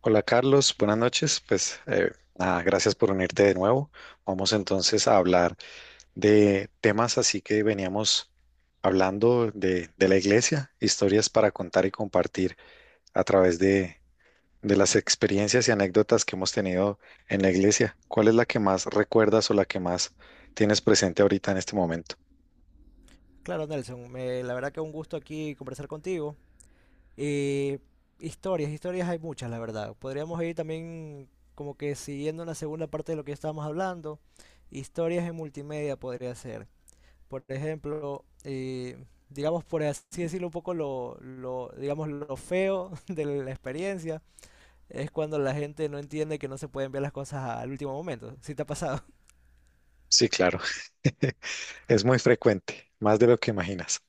Hola Carlos, buenas noches. Nada, gracias por unirte de nuevo. Vamos entonces a hablar de temas así que veníamos hablando de la iglesia, historias para contar y compartir a través de las experiencias y anécdotas que hemos tenido en la iglesia. ¿Cuál es la que más recuerdas o la que más tienes presente ahorita en este momento? Claro, Nelson, la verdad que un gusto aquí conversar contigo. Y historias hay muchas, la verdad. Podríamos ir también como que siguiendo una segunda parte de lo que estábamos hablando. Historias en multimedia podría ser. Por ejemplo, digamos por así decirlo un poco digamos lo feo de la experiencia es cuando la gente no entiende que no se pueden ver las cosas al último momento. ¿Sí te ha pasado? Sí, claro. Es muy frecuente, más de lo que imaginas.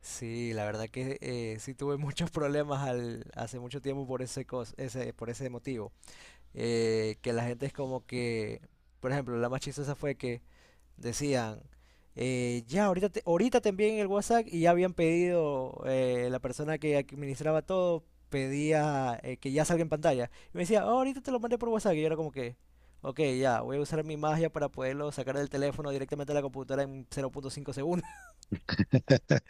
Sí, la verdad que sí tuve muchos problemas hace mucho tiempo por por ese motivo. Que la gente es como que, por ejemplo, la más chistosa fue que decían, ya, ahorita te envíen el WhatsApp y ya habían pedido, la persona que administraba todo pedía que ya salga en pantalla. Y me decía, "Oh, ahorita te lo mandé por WhatsApp". Y yo era como que, ok, ya, voy a usar mi magia para poderlo sacar del teléfono directamente a la computadora en 0.5 segundos.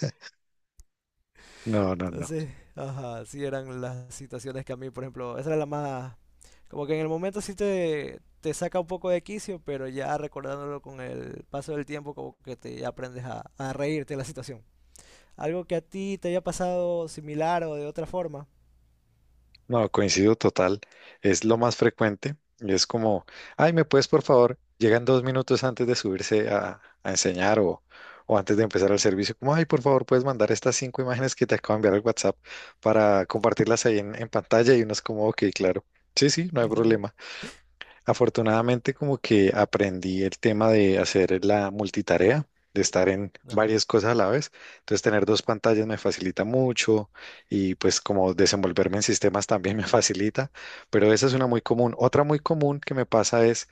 No, no, no. Entonces, ajá, sí eran las situaciones que a mí, por ejemplo, esa era la más... Como que en el momento sí te saca un poco de quicio, pero ya recordándolo con el paso del tiempo, como que te ya aprendes a reírte de la situación. Algo que a ti te haya pasado similar o de otra forma. No, coincido total. Es lo más frecuente. Y es como, ay, ¿me puedes, por favor? Llegan dos minutos antes de subirse a enseñar o antes de empezar el servicio. Como, ay, por favor, puedes mandar estas cinco imágenes que te acabo de enviar al WhatsApp para compartirlas ahí en pantalla. Y uno es como, ok, claro. Sí, sí, no hay problema. Afortunadamente, como que aprendí el tema de hacer la multitarea, de estar en Ajá. varias cosas a la vez. Entonces, tener dos pantallas me facilita mucho y pues como desenvolverme en sistemas también me facilita, pero esa es una muy común. Otra muy común que me pasa es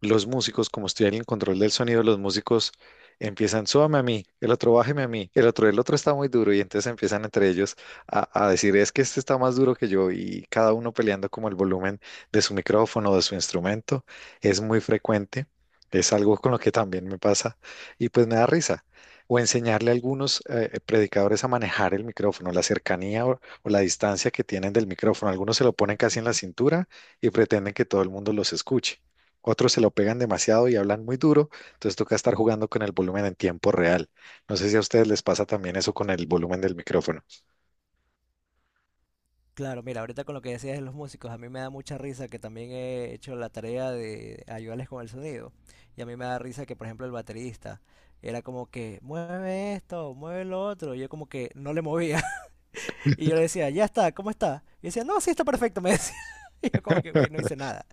los músicos, como estoy en el control del sonido, los músicos empiezan, súbame a mí, el otro bájeme a mí, el otro está muy duro, y entonces empiezan entre ellos a decir, es que este está más duro que yo, y cada uno peleando como el volumen de su micrófono o de su instrumento, es muy frecuente, es algo con lo que también me pasa, y pues me da risa. O enseñarle a algunos predicadores a manejar el micrófono, la cercanía o la distancia que tienen del micrófono. Algunos se lo ponen casi en la cintura y pretenden que todo el mundo los escuche. Otros se lo pegan demasiado y hablan muy duro, entonces toca estar jugando con el volumen en tiempo real. No sé si a ustedes les pasa también eso con el volumen del micrófono. Claro, mira, ahorita con lo que decías de los músicos, a mí me da mucha risa que también he hecho la tarea de ayudarles con el sonido. Y a mí me da risa que, por ejemplo, el baterista era como que mueve esto, mueve lo otro. Y yo como que no le movía. Y yo le decía, ya está, ¿cómo está? Y decía, no, sí está perfecto, me decía. Y yo como que, güey, no hice nada.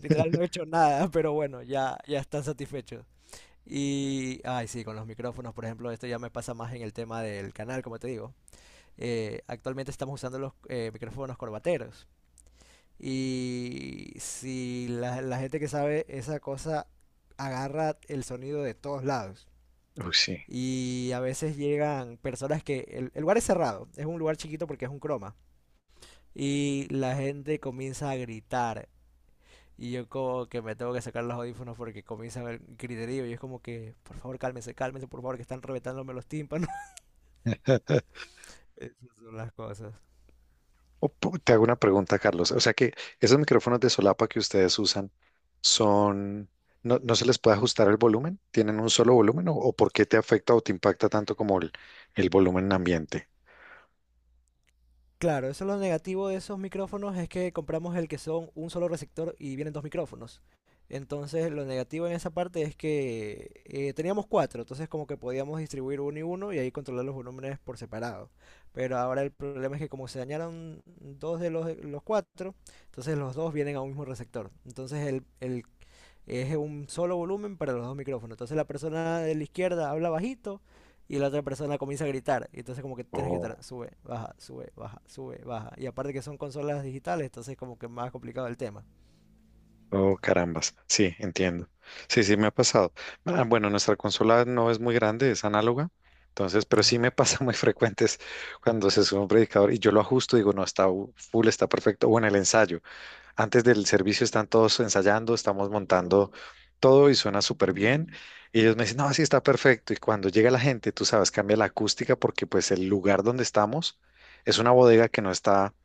Literal no he hecho nada, pero bueno, ya están satisfechos. Y, ay, sí, con los micrófonos, por ejemplo, esto ya me pasa más en el tema del canal, como te digo. Actualmente estamos usando los micrófonos corbateros. Y si la gente que sabe esa cosa agarra el sonido de todos lados. Uy, sí. Y a veces llegan personas que... El lugar es cerrado, es un lugar chiquito porque es un croma y la gente comienza a gritar. Y yo como que me tengo que sacar los audífonos porque comienza a haber griterío. Y es como que, por favor, cálmense, cálmense, por favor, que están reventándome los tímpanos. Esas son las cosas. Te hago una pregunta, Carlos. O sea que esos micrófonos de solapa que ustedes usan son, no, no se les puede ajustar el volumen, tienen un solo volumen o por qué te afecta o te impacta tanto como el volumen ambiente. Claro, eso es lo negativo de esos micrófonos, es que compramos el que son un solo receptor y vienen dos micrófonos. Entonces, lo negativo en esa parte es que teníamos cuatro, entonces como que podíamos distribuir uno y uno y ahí controlar los volúmenes por separado. Pero ahora el problema es que como se dañaron dos de los cuatro, entonces los dos vienen a un mismo receptor. Entonces el es un solo volumen para los dos micrófonos. Entonces la persona de la izquierda habla bajito y la otra persona comienza a gritar. Y entonces como que tienes que Oh. estar sube, baja, sube, baja, sube, baja. Y aparte que son consolas digitales, entonces como que más complicado el tema. Oh, carambas. Sí, entiendo. Sí, sí, me ha pasado. Ah, bueno, nuestra consola no es muy grande, es análoga. Entonces, pero sí Ajá. me pasa muy frecuentes cuando se sube un predicador y yo lo ajusto, digo, no, está full, está perfecto. O en el ensayo. Antes del servicio están todos ensayando, estamos montando todo y suena súper bien. Y ellos me dicen, no, sí está perfecto. Y cuando llega la gente, tú sabes, cambia la acústica porque pues el lugar donde estamos es una bodega que no está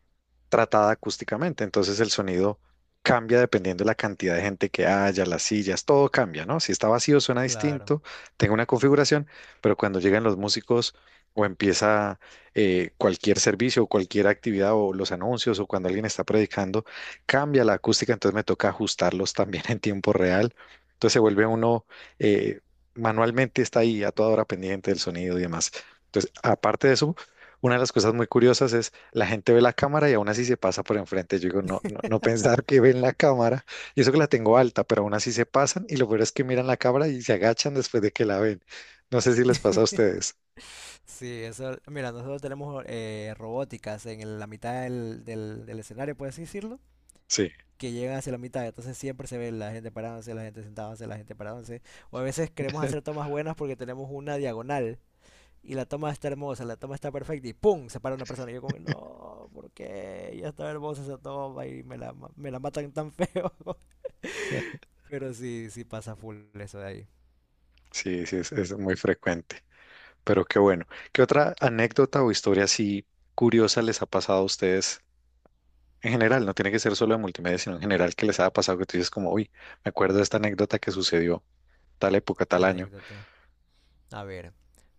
tratada acústicamente. Entonces el sonido cambia dependiendo de la cantidad de gente que haya, las sillas, todo cambia, ¿no? Si está vacío suena Claro. distinto, tengo una configuración, pero cuando llegan los músicos o empieza cualquier servicio o cualquier actividad o los anuncios o cuando alguien está predicando, cambia la acústica, entonces me toca ajustarlos también en tiempo real. Entonces se vuelve uno, eh, manualmente está ahí a toda hora pendiente del sonido y demás. Entonces, aparte de eso, una de las cosas muy curiosas es la gente ve la cámara y aún así se pasa por enfrente. Yo digo, no, no, no pensar que ven la cámara. Y eso que la tengo alta, pero aún así se pasan. Y lo peor es que miran la cámara y se agachan después de que la ven. No sé si les pasa a ustedes. Sí, eso, mira, nosotros tenemos robóticas en la mitad del escenario, puedes decirlo, Sí, que llegan hacia la mitad, entonces siempre se ve la gente parándose, la gente sentándose, la gente parándose, o a veces queremos hacer tomas buenas porque tenemos una diagonal, y la toma está hermosa, la toma está perfecta y ¡pum!, se para una persona. Y yo como, no, ¿por qué? Ya está hermosa esa toma y me me la matan tan feo. Pero sí, sí pasa full eso de ahí. sí, sí, es muy frecuente. Pero qué bueno. ¿Qué otra anécdota o historia así curiosa les ha pasado a ustedes en general? No tiene que ser solo de multimedia, sino en general que les haya pasado que tú dices como, uy, me acuerdo de esta anécdota que sucedió tal época, tal año. Anécdota. A ver,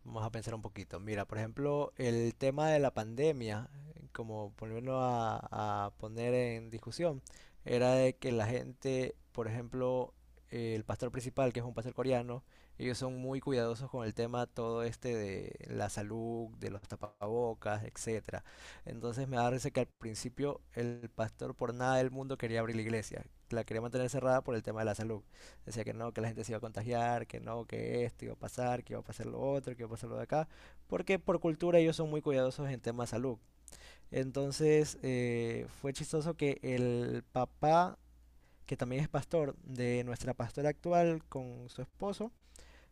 vamos a pensar un poquito. Mira, por ejemplo, el tema de la pandemia, como ponerlo a poner en discusión, era de que la gente, por ejemplo, el pastor principal, que es un pastor coreano, ellos son muy cuidadosos con el tema todo este de la salud, de los tapabocas, etcétera. Entonces me da risa que al principio el pastor por nada del mundo quería abrir la iglesia, la quería mantener cerrada por el tema de la salud. Decía que no, que la gente se iba a contagiar, que no, que esto iba a pasar, que iba a pasar lo otro, que iba a pasar lo de acá, porque por cultura ellos son muy cuidadosos en temas de salud. Entonces fue chistoso que el papá, que también es pastor de nuestra pastora actual con su esposo,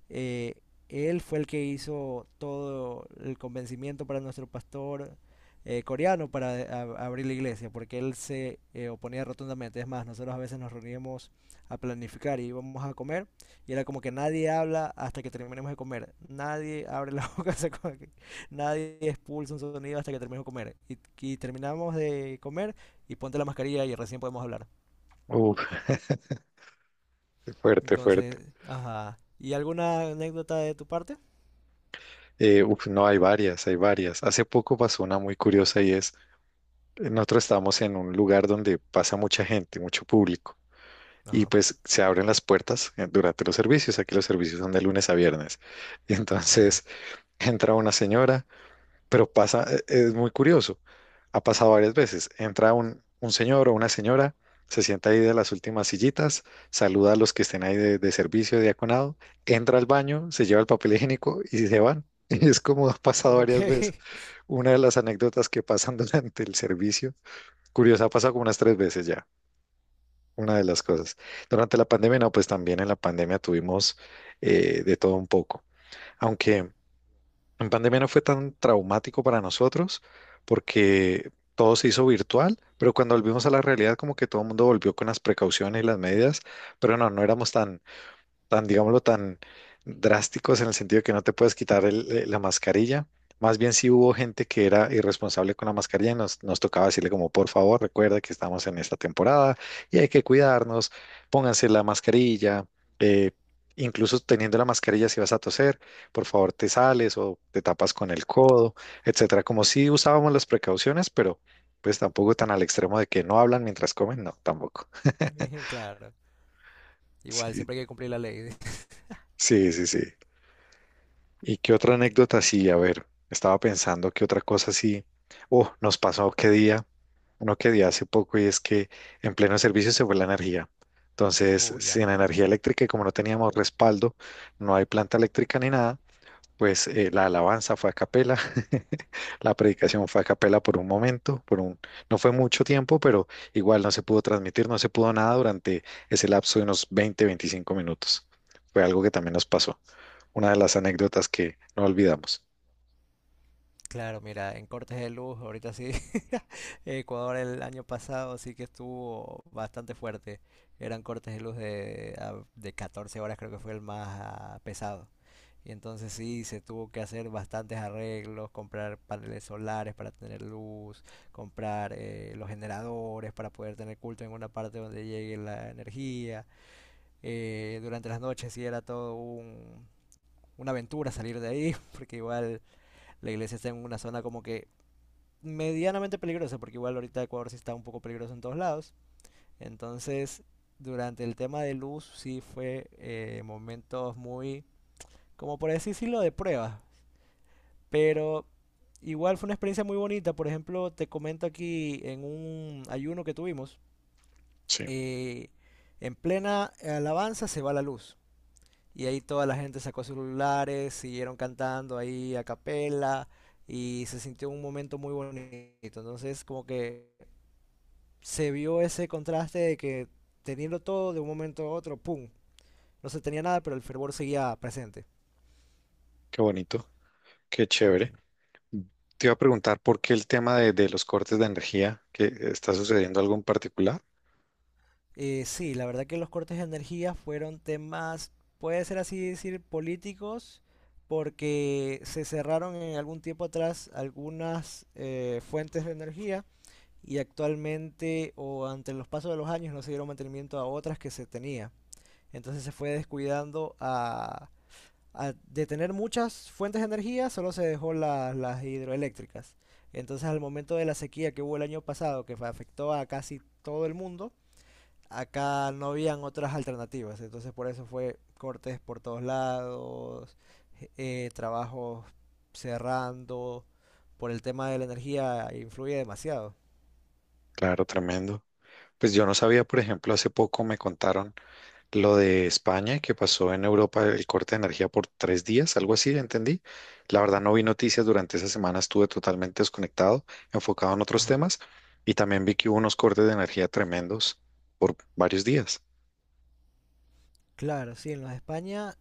eh, él fue el que hizo todo el convencimiento para nuestro pastor coreano para abrir la iglesia, porque él se oponía rotundamente. Es más, nosotros a veces nos reuníamos a planificar y íbamos a comer, y era como que nadie habla hasta que terminemos de comer. Nadie abre la boca, se come aquí. Nadie expulsa un sonido hasta que terminemos de comer. Y terminamos de comer y ponte la mascarilla y recién podemos hablar. Uf, fuerte, fuerte. Entonces, ajá. ¿Y alguna anécdota de tu parte? No, hay varias, hay varias. Hace poco pasó una muy curiosa y nosotros estábamos en un lugar donde pasa mucha gente, mucho público, y Ajá. pues se abren las puertas durante los servicios. Aquí los servicios son de lunes a viernes. Y Oh, ya. entonces entra una señora pero pasa, es muy curioso. Ha pasado varias veces. Entra un señor o una señora, se sienta ahí de las últimas sillitas, saluda a los que estén ahí de servicio, de diaconado, entra al baño, se lleva el papel higiénico y se van. Y es como ha pasado Ok, varias veces. Una de las anécdotas que pasan durante el servicio, curiosa, ha pasado como unas tres veces ya, una de las cosas. Durante la pandemia, no, pues también en la pandemia tuvimos de todo un poco. Aunque en pandemia no fue tan traumático para nosotros porque todo se hizo virtual, pero cuando volvimos a la realidad como que todo el mundo volvió con las precauciones y las medidas, pero no, no éramos tan, digámoslo, tan drásticos en el sentido de que no te puedes quitar la mascarilla. Más bien si hubo gente que era irresponsable con la mascarilla y nos tocaba decirle como, por favor, recuerda que estamos en esta temporada y hay que cuidarnos, pónganse la mascarilla, eh, incluso teniendo la mascarilla si vas a toser, por favor te sales o te tapas con el codo, etcétera. Como si usábamos las precauciones, pero pues tampoco tan al extremo de que no hablan mientras comen, no, tampoco. claro. Igual, Sí, siempre hay que cumplir la ley. sí, sí, sí. ¿Y qué otra anécdota? Sí, a ver, estaba pensando que otra cosa sí. Oh, nos pasó qué día, no qué día hace poco, y es que en pleno servicio se fue la energía. Entonces, ya. sin energía eléctrica y como no teníamos respaldo, no hay planta eléctrica ni nada, pues la alabanza fue a capela, la predicación fue a capela por un momento, no fue mucho tiempo, pero igual no se pudo transmitir, no se pudo nada durante ese lapso de unos 20, 25 minutos. Fue algo que también nos pasó una de las anécdotas que no olvidamos. Claro, mira, en cortes de luz, ahorita sí. Ecuador el año pasado sí que estuvo bastante fuerte. Eran cortes de luz de 14 horas, creo que fue el más pesado. Y entonces sí, se tuvo que hacer bastantes arreglos, comprar paneles solares para tener luz, comprar los generadores para poder tener culto en una parte donde llegue la energía. Durante las noches sí era todo una aventura salir de ahí, porque igual la iglesia está en una zona como que medianamente peligrosa, porque igual ahorita Ecuador sí está un poco peligroso en todos lados. Entonces, durante el tema de luz sí fue momentos muy, como por así decirlo, de prueba. Pero igual fue una experiencia muy bonita. Por ejemplo, te comento aquí en un ayuno que tuvimos, Sí, eh, en plena alabanza se va la luz. Y ahí toda la gente sacó celulares, siguieron cantando ahí a capela y se sintió un momento muy bonito. Entonces, como que se vio ese contraste de que teniendo todo de un momento a otro, ¡pum! No se tenía nada, pero el fervor seguía presente. qué bonito, qué chévere. Ujú. Te iba a preguntar por qué el tema de los cortes de energía, que está sucediendo algo en particular. Sí, la verdad que los cortes de energía fueron temas, puede ser así decir, políticos, porque se cerraron en algún tiempo atrás algunas fuentes de energía y actualmente o ante los pasos de los años no se dieron mantenimiento a otras que se tenía. Entonces se fue descuidando de tener muchas fuentes de energía, solo se dejó las hidroeléctricas. Entonces al momento de la sequía que hubo el año pasado, que afectó a casi todo el mundo, acá no habían otras alternativas. Entonces por eso fue cortes por todos lados, trabajos cerrando, por el tema de la energía influye demasiado. Claro, tremendo. Pues yo no sabía, por ejemplo, hace poco me contaron lo de España, que pasó en Europa el corte de energía por tres días, algo así, entendí. La verdad no vi noticias durante esa semana, estuve totalmente desconectado, enfocado en otros Ajá. temas, y también vi que hubo unos cortes de energía tremendos por varios días. Claro, sí, en los de España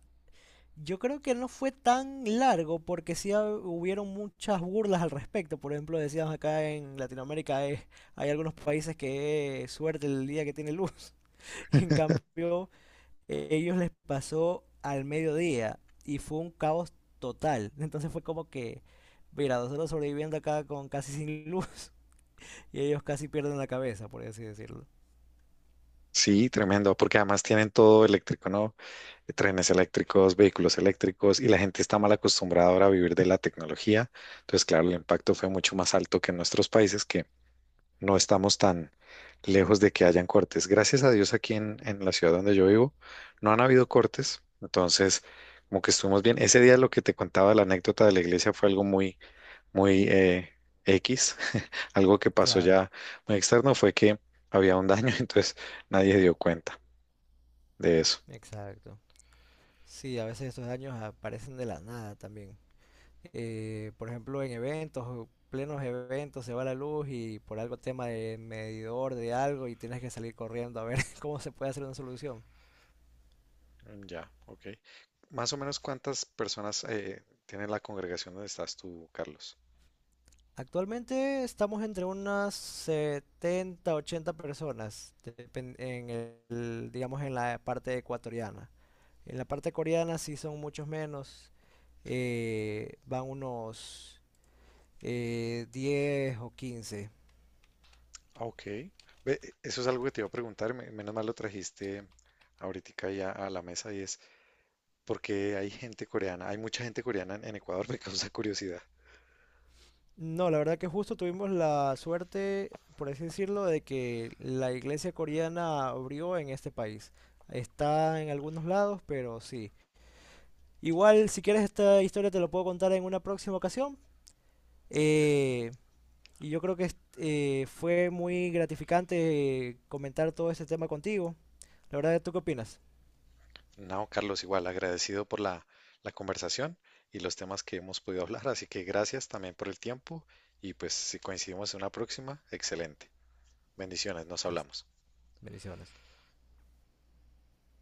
yo creo que no fue tan largo porque sí hubieron muchas burlas al respecto. Por ejemplo, decíamos acá en Latinoamérica hay algunos países que suerte el día que tiene luz. Y en cambio, ellos les pasó al mediodía y fue un caos total. Entonces fue como que, mira, nosotros sobreviviendo acá con casi sin luz y ellos casi pierden la cabeza, por así decirlo. Sí, tremendo, porque además tienen todo eléctrico, ¿no? Trenes eléctricos, vehículos eléctricos, y la gente está mal acostumbrada ahora a vivir de la tecnología. Entonces, claro, el impacto fue mucho más alto que en nuestros países, que no estamos tan lejos de que hayan cortes. Gracias a Dios aquí en la ciudad donde yo vivo no han habido cortes, entonces como que estuvimos bien. Ese día lo que te contaba, la anécdota de la iglesia fue algo muy, muy X, algo que pasó Claro, ya muy externo fue que había un daño, entonces nadie dio cuenta de eso. exacto. Sí, a veces estos daños aparecen de la nada también. Por ejemplo, en eventos, plenos eventos, se va la luz y por algo tema de medidor de algo y tienes que salir corriendo a ver cómo se puede hacer una solución. Mm, ya, ok. Más o menos cuántas personas tiene la congregación donde estás tú, Carlos. Actualmente estamos entre unas 70, 80 personas, en el, digamos en la parte ecuatoriana. En la parte coreana sí son muchos menos, van unos 10 o 15. Ah, ok. Ve, eso es algo que te iba a preguntar, menos mal lo trajiste ahorita ya a la mesa y es, ¿por qué hay gente coreana? Hay mucha gente coreana en Ecuador, me causa curiosidad. No, la verdad que justo tuvimos la suerte, por así decirlo, de que la iglesia coreana abrió en este país. Está en algunos lados, pero sí. Igual, si quieres esta historia te lo puedo contar en una próxima ocasión. Eh, y yo creo que fue muy gratificante comentar todo este tema contigo. La verdad, ¿tú qué opinas? No, Carlos, igual, agradecido por la conversación y los temas que hemos podido hablar, así que gracias también por el tiempo y pues si coincidimos en una próxima, excelente. Bendiciones, nos Listo. hablamos. Bendiciones.